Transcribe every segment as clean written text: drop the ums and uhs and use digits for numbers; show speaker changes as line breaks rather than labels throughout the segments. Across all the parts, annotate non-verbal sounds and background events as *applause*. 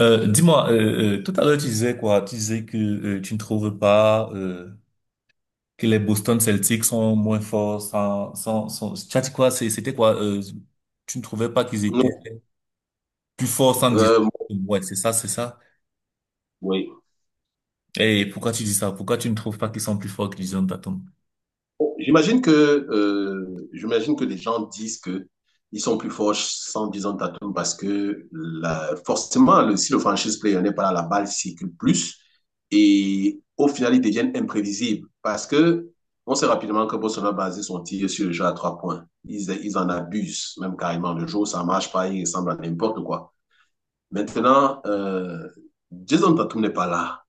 Dis-moi, tout à l'heure tu disais quoi? Tu disais que tu ne trouves pas que les Boston Celtics sont moins forts sans... Tu as dit quoi? C'était quoi? Tu ne trouvais pas qu'ils étaient
Non,
plus forts sans Jason
euh,
Tatum. Ouais, c'est ça.
oui.
Et pourquoi tu dis ça? Pourquoi tu ne trouves pas qu'ils sont plus forts que Jason Tatum?
J'imagine que les gens disent que ils sont plus forts sans Jason Tatum parce que forcément, si le franchise player n'est pas là, la balle circule plus et au final, ils deviennent imprévisibles parce que on sait rapidement que Boston a basé son tir sur le jeu à trois points. Ils en abusent même carrément. Le jour où ça marche pas, ils ressemblent à n'importe quoi. Maintenant, Jason Tatum n'est pas là.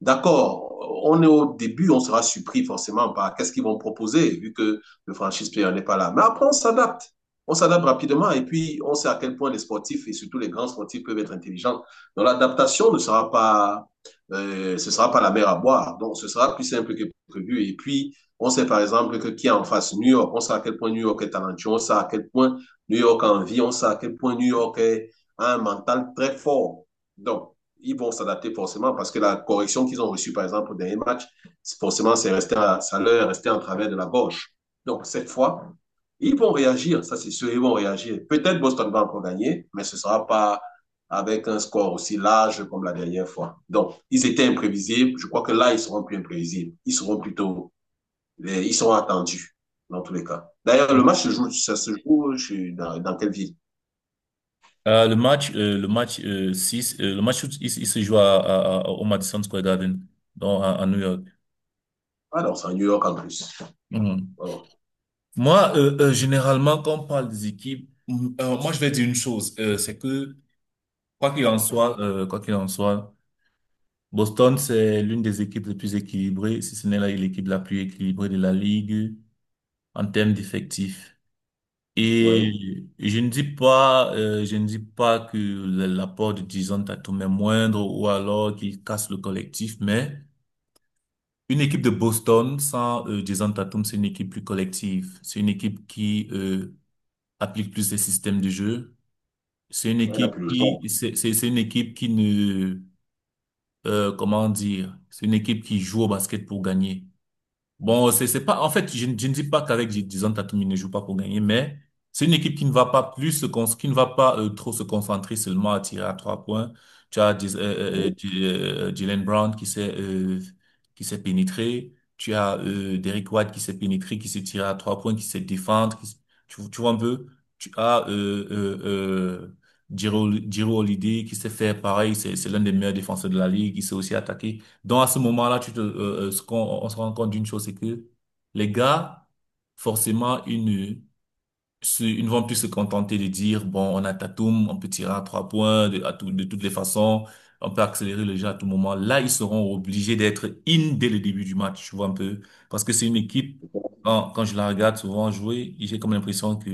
D'accord, on est au début, on sera surpris forcément par qu'est-ce qu'ils vont proposer, vu que le franchise player n'est pas là. Mais après, on s'adapte. On s'adapte rapidement et puis on sait à quel point les sportifs et surtout les grands sportifs peuvent être intelligents. Donc l'adaptation ne sera pas la mer à boire. Donc ce sera plus simple que prévu. Et puis on sait par exemple que qui est en face New York, on sait à quel point New York est talentueux, on sait à quel point New York a envie, on sait à quel point a un mental très fort. Donc ils vont s'adapter forcément parce que la correction qu'ils ont reçue, par exemple, au dernier match, forcément, ça leur est resté en travers de la gauche. Donc, cette fois, ils vont réagir, ça c'est sûr, ils vont réagir. Peut-être Boston va encore gagner, mais ce ne sera pas avec un score aussi large comme la dernière fois. Donc, ils étaient imprévisibles. Je crois que là, ils seront plus imprévisibles. Ils seront attendus dans tous les cas. D'ailleurs, le match se joue, ça se joue dans quelle ville.
Le match 6, le match, où il se joue au Madison Square Garden, à New York.
Alors, c'est à New York en plus.
Mhm.
Oh
Moi, généralement, quand on parle des équipes, moi, je vais dire une chose, c'est que, quoi qu'il en soit, quoi qu'il en soit, Boston, c'est l'une des équipes les plus équilibrées, si ce n'est l'équipe la plus équilibrée de la ligue en termes d'effectifs.
oui,
Et je ne dis pas, je ne dis pas que l'apport de Jason Tatum est moindre ou alors qu'il casse le collectif, mais une équipe de Boston sans Jason Tatum, c'est une équipe plus collective. C'est une équipe qui applique plus les systèmes de jeu. C'est une
on n'a
équipe
plus le
qui,
temps.
c'est une équipe qui ne, comment dire, c'est une équipe qui joue au basket pour gagner. Bon, c'est pas. En fait, je ne dis pas qu'avec Jason Tatum, il ne joue pas pour gagner, mais c'est une équipe qui ne va pas plus qui ne va pas trop se concentrer seulement à tirer à trois points. Tu as
Oh.
Jaylen Brown qui s'est pénétré. Tu as Derrick White qui s'est pénétré, qui s'est tiré à trois points, qui s'est défendre, tu, tu vois un peu. Tu as euh, Jiro Holiday qui s'est fait pareil. C'est l'un des meilleurs défenseurs de la ligue. Il s'est aussi attaqué. Donc à ce moment-là, tu te, ce qu'on, on se rend compte d'une chose, c'est que les gars, forcément, ils ne vont plus se contenter de dire, bon, on a Tatum, on peut tirer à trois points de toutes les façons, on peut accélérer le jeu à tout moment. Là, ils seront obligés d'être in dès le début du match, tu vois un peu. Parce que c'est une équipe, quand je la regarde souvent jouer, j'ai comme l'impression que,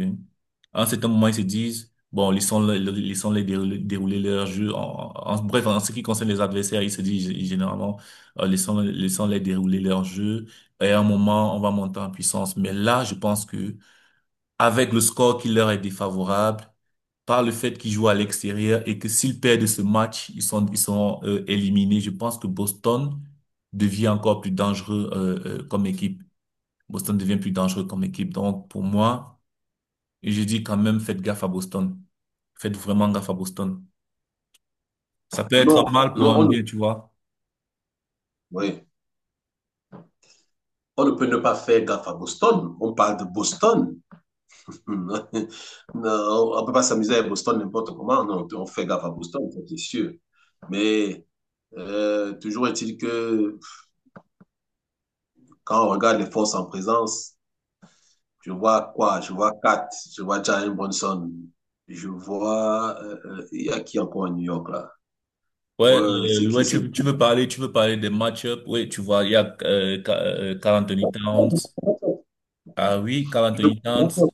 à un certain moment, ils se disent, bon, laissons-les dérouler, dérouler leur jeu. Bref, en ce qui concerne les adversaires, ils se disent généralement, laissons-les dérouler leur jeu. Et à un moment, on va monter en puissance. Mais là, je pense que, avec le score qui leur est défavorable, par le fait qu'ils jouent à l'extérieur et que s'ils perdent ce match, ils sont éliminés. Je pense que Boston devient encore plus dangereux comme équipe. Boston devient plus dangereux comme équipe. Donc, pour moi, je dis quand même, faites gaffe à Boston. Faites vraiment gaffe à Boston. Ça peut être un
Non,
mal
non,
pour un
on,
bien, tu vois.
oui. On ne peut ne pas faire gaffe à Boston. On parle de Boston. *laughs* Non, on ne peut pas s'amuser à Boston n'importe comment. Non, on fait gaffe à Boston, ça, c'est sûr. Mais toujours est-il que quand on regarde les forces en présence, je vois quoi? Je vois Kat, je vois Jalen Brunson, je vois... il y a qui encore à New York là?
Ouais,
Ouais, c'est qui? C'est...
tu veux parler des match-ups. Oui, tu vois, il y a Karl Anthony Towns. Ah oui, Karl Anthony Towns.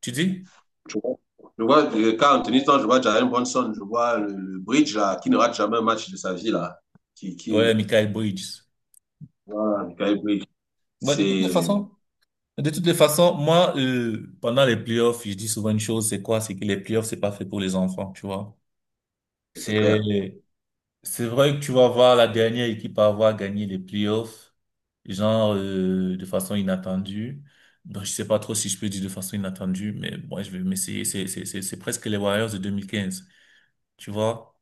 Tu dis?
Je vois, je vois quand Anthony Stanton, je vois Jalen Brunson, je vois le Bridge là, qui ne rate jamais un match de sa vie là, qui,
Ouais,
qui,
Michael Bridges.
voilà, Mikal Bridge,
Ouais, de toutes les
c'est,
façons, de toutes les façons, moi, pendant les playoffs, je dis souvent une chose, c'est quoi? C'est que les playoffs, c'est pas fait pour les enfants, tu vois.
c'est clair.
C'est, c'est vrai que tu vas voir la dernière équipe à avoir gagné les playoffs, genre, de façon inattendue. Donc, je sais pas trop si je peux dire de façon inattendue, mais bon, je vais m'essayer. C'est presque les Warriors de 2015, tu vois.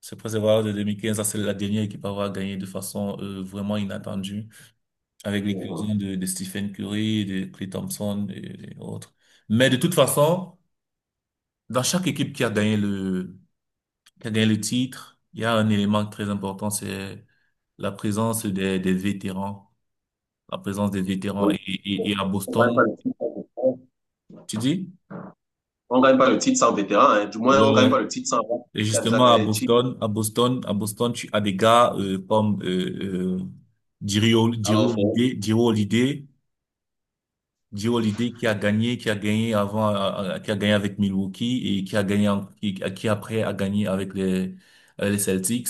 C'est presque les Warriors de 2015, ça, c'est la dernière équipe à avoir gagné de façon, vraiment inattendue, avec les
Mhm.
cousins de Stephen Curry, de Klay Thompson et autres. Mais de toute façon, dans chaque équipe qui a qui a gagné le titre, il y a un élément très important, c'est la présence des vétérans, la présence des vétérans.
Oui.
Et à
On gagne
Boston,
pas le titre sans vétéran.
tu dis?
On gagne pas le titre sans vétéran, hein. Du moins,
Ouais,
on gagne pas
ouais.
le titre sans un
Et
qui a déjà
justement, à
gagné le titre.
Boston, à Boston, à Boston, tu as des gars comme Jiri Hol- Jiri
Alors, faut,
Holiday, Jiri Holiday, Joe Holiday qui a gagné avant, qui a gagné avec Milwaukee et qui a qui après a gagné avec avec les Celtics.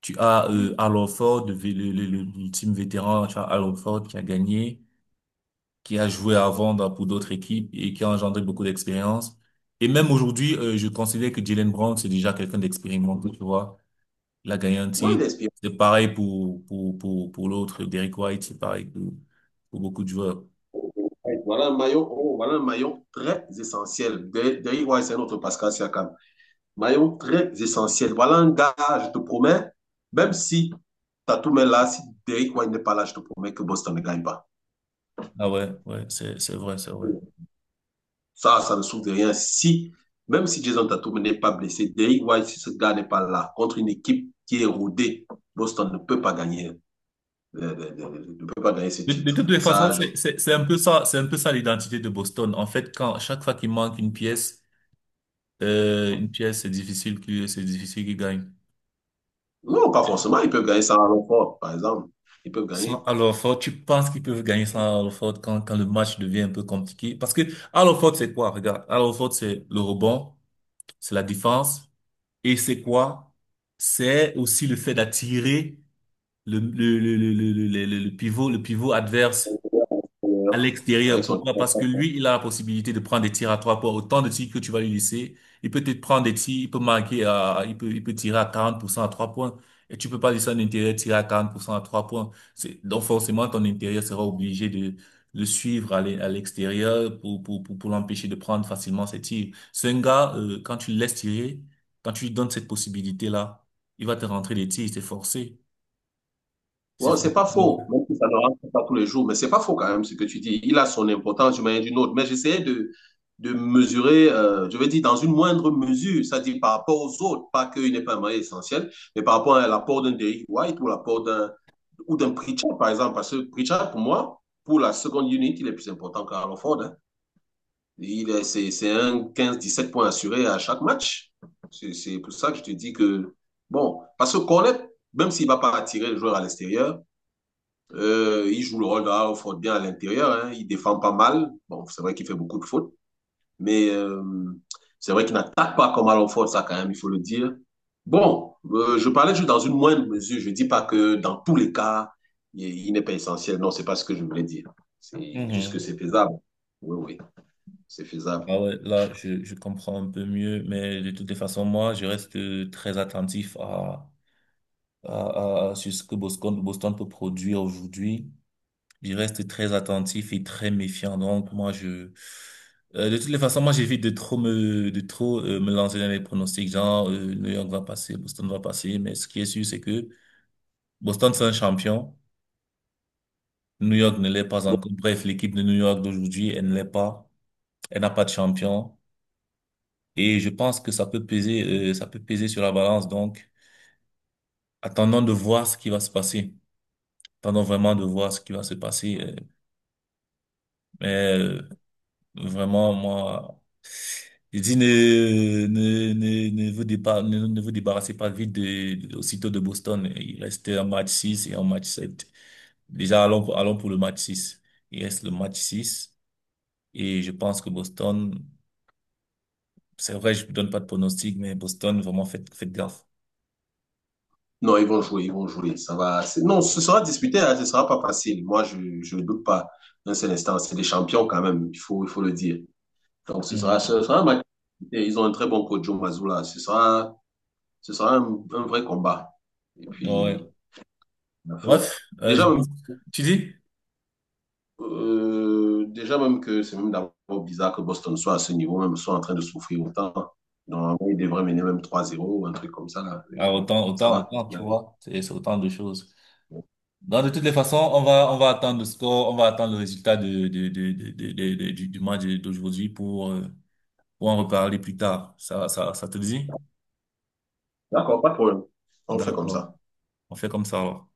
Tu as Al Horford, l'ultime vétéran, tu as Al Horford qui a gagné, qui a joué avant pour d'autres équipes et qui a engendré beaucoup d'expérience. Et même aujourd'hui, je considère que Jalen Brown, c'est déjà quelqu'un d'expérimenté, tu vois. Il a gagné un
oui,
titre.
l'expérience.
C'est pareil pour l'autre, Derrick White, c'est pareil pour beaucoup de joueurs.
Voilà un maillon, oh, voilà un maillon très essentiel. Derrick White, c'est notre Pascal Siakam. Maillot très essentiel. Voilà un gars, je te promets, même si Tatum est là, si Derrick White n'est pas là, je te promets que Boston ne gagne pas.
Ah ouais, ouais, c'est vrai, c'est vrai.
Ça ne souffre de rien. Si, même si Jason Tatum n'est pas blessé, Derrick White, si ce gars n'est pas là, contre une équipe qui est rodée, Boston ne peut pas gagner, ne peut pas gagner ce
De
titre.
toutes les façons, c'est un peu ça, c'est un peu ça l'identité de Boston. En fait, quand, chaque fois qu'il manque une pièce, c'est difficile c'est difficile qu'il gagne.
Non, pas forcément. Ils peuvent gagner ça à l'enfort, par exemple. Ils peuvent
Sans
gagner.
Al Horford, tu penses qu'ils peuvent gagner sans Al Horford quand le match devient un peu compliqué? Parce que Al Horford, c'est quoi? Regarde, Al Horford, c'est le rebond, c'est la défense, et c'est quoi? C'est aussi le fait d'attirer le pivot adverse à l'extérieur.
Avec son.
Pourquoi? Parce que lui, il a la possibilité de prendre des tirs à trois points. Autant de tirs que tu vas lui laisser, il peut te prendre des tirs, il peut il peut, il peut tirer à 40% à trois points. Et tu peux pas laisser un intérieur tirer à 40% à trois points. C'est, donc forcément, ton intérieur sera obligé de le suivre à l'extérieur pour l'empêcher de prendre facilement ses tirs. C'est un gars, quand tu le laisses tirer, quand tu lui donnes cette possibilité-là, il va te rentrer des tirs, c'est forcé. C'est
Wow, c'est
forcé.
pas faux, même si ça ne rentre pas tous les jours, mais c'est pas faux quand même ce que tu dis. Il a son importance d'une manière ou d'une autre. Mais de mesurer, je veux dire, dans une moindre mesure, c'est-à-dire par rapport aux autres, pas qu'il n'est pas un moyen essentiel, mais par rapport à l'apport d'un Derrick White ou l'apport d'un Pritchard, par exemple. Parce que Pritchard, pour moi, pour la seconde unit, il est plus important qu'Aaron Ford, hein. C'est un quinze dix sept points assurés à chaque match. C'est pour ça que je te dis que, bon, parce que Cornet, même s'il ne va pas attirer le joueur à l'extérieur, il joue le rôle d'un offre bien à l'intérieur, hein. Il défend pas mal. Bon, c'est vrai qu'il fait beaucoup de fautes, mais c'est vrai qu'il n'attaque pas comme à l'off-road, ça quand même, il faut le dire. Bon, je parlais juste dans une moindre mesure. Je ne dis pas que dans tous les cas, il n'est pas essentiel. Non, c'est pas ce que je voulais dire. C'est juste que
Mhm.
c'est faisable. Oui, oui, c'est faisable.
Ah ouais, là, je comprends un peu mieux, mais de toutes les façons, moi, je reste très attentif à ce que Boston peut produire aujourd'hui. Je reste très attentif et très méfiant. Donc, de toutes les façons, moi, j'évite de trop de trop me lancer dans les pronostics, genre, New York va passer, Boston va passer. Mais ce qui est sûr, c'est que Boston, c'est un champion. New York ne l'est pas encore. Bref, l'équipe de New York d'aujourd'hui, elle ne l'est pas. Elle n'a pas de champion. Et je pense que ça peut peser, ça peut peser sur la balance. Donc, attendons de voir ce qui va se passer. Attendons vraiment de voir ce qui va se passer. mais euh, Vraiment, moi, je dis ne vous débarrassez pas vite aussitôt de Boston. Il reste un match 6 et un match sept. Déjà, allons pour le match six. Il reste le match six. Et je pense que Boston, c'est vrai, je ne donne pas de pronostic, mais Boston, vraiment, faites, faites gaffe.
Non, ils vont jouer, ils vont jouer. Ça va. Non, ce sera disputé, hein, ce ne sera pas facile. Moi, je ne doute pas. Un seul instant, c'est des champions quand même. Il faut le dire. Donc,
Mhm.
ce sera un match. Et ils ont un très bon coach, Joe Mazzulla. Ce sera un vrai combat. Et
Ouais.
puis, la fin.
Bref, je
Déjà, même,
pense, tu dis?
déjà même que c'est même d'abord bizarre que Boston soit à ce niveau, même soit en train de souffrir autant. Normalement, ils devraient mener même 3-0 ou un truc comme ça. Là.
Ah,
Mais bon,
autant,
ça
autant,
va.
autant, tu vois, c'est autant de choses. Donc, de toutes les façons, on va attendre le score, on va attendre le résultat du match d'aujourd'hui pour en reparler plus tard. Ça te dit?
D'accord, pas de problème. On le fait comme
D'accord.
ça.
On fait comme ça alors.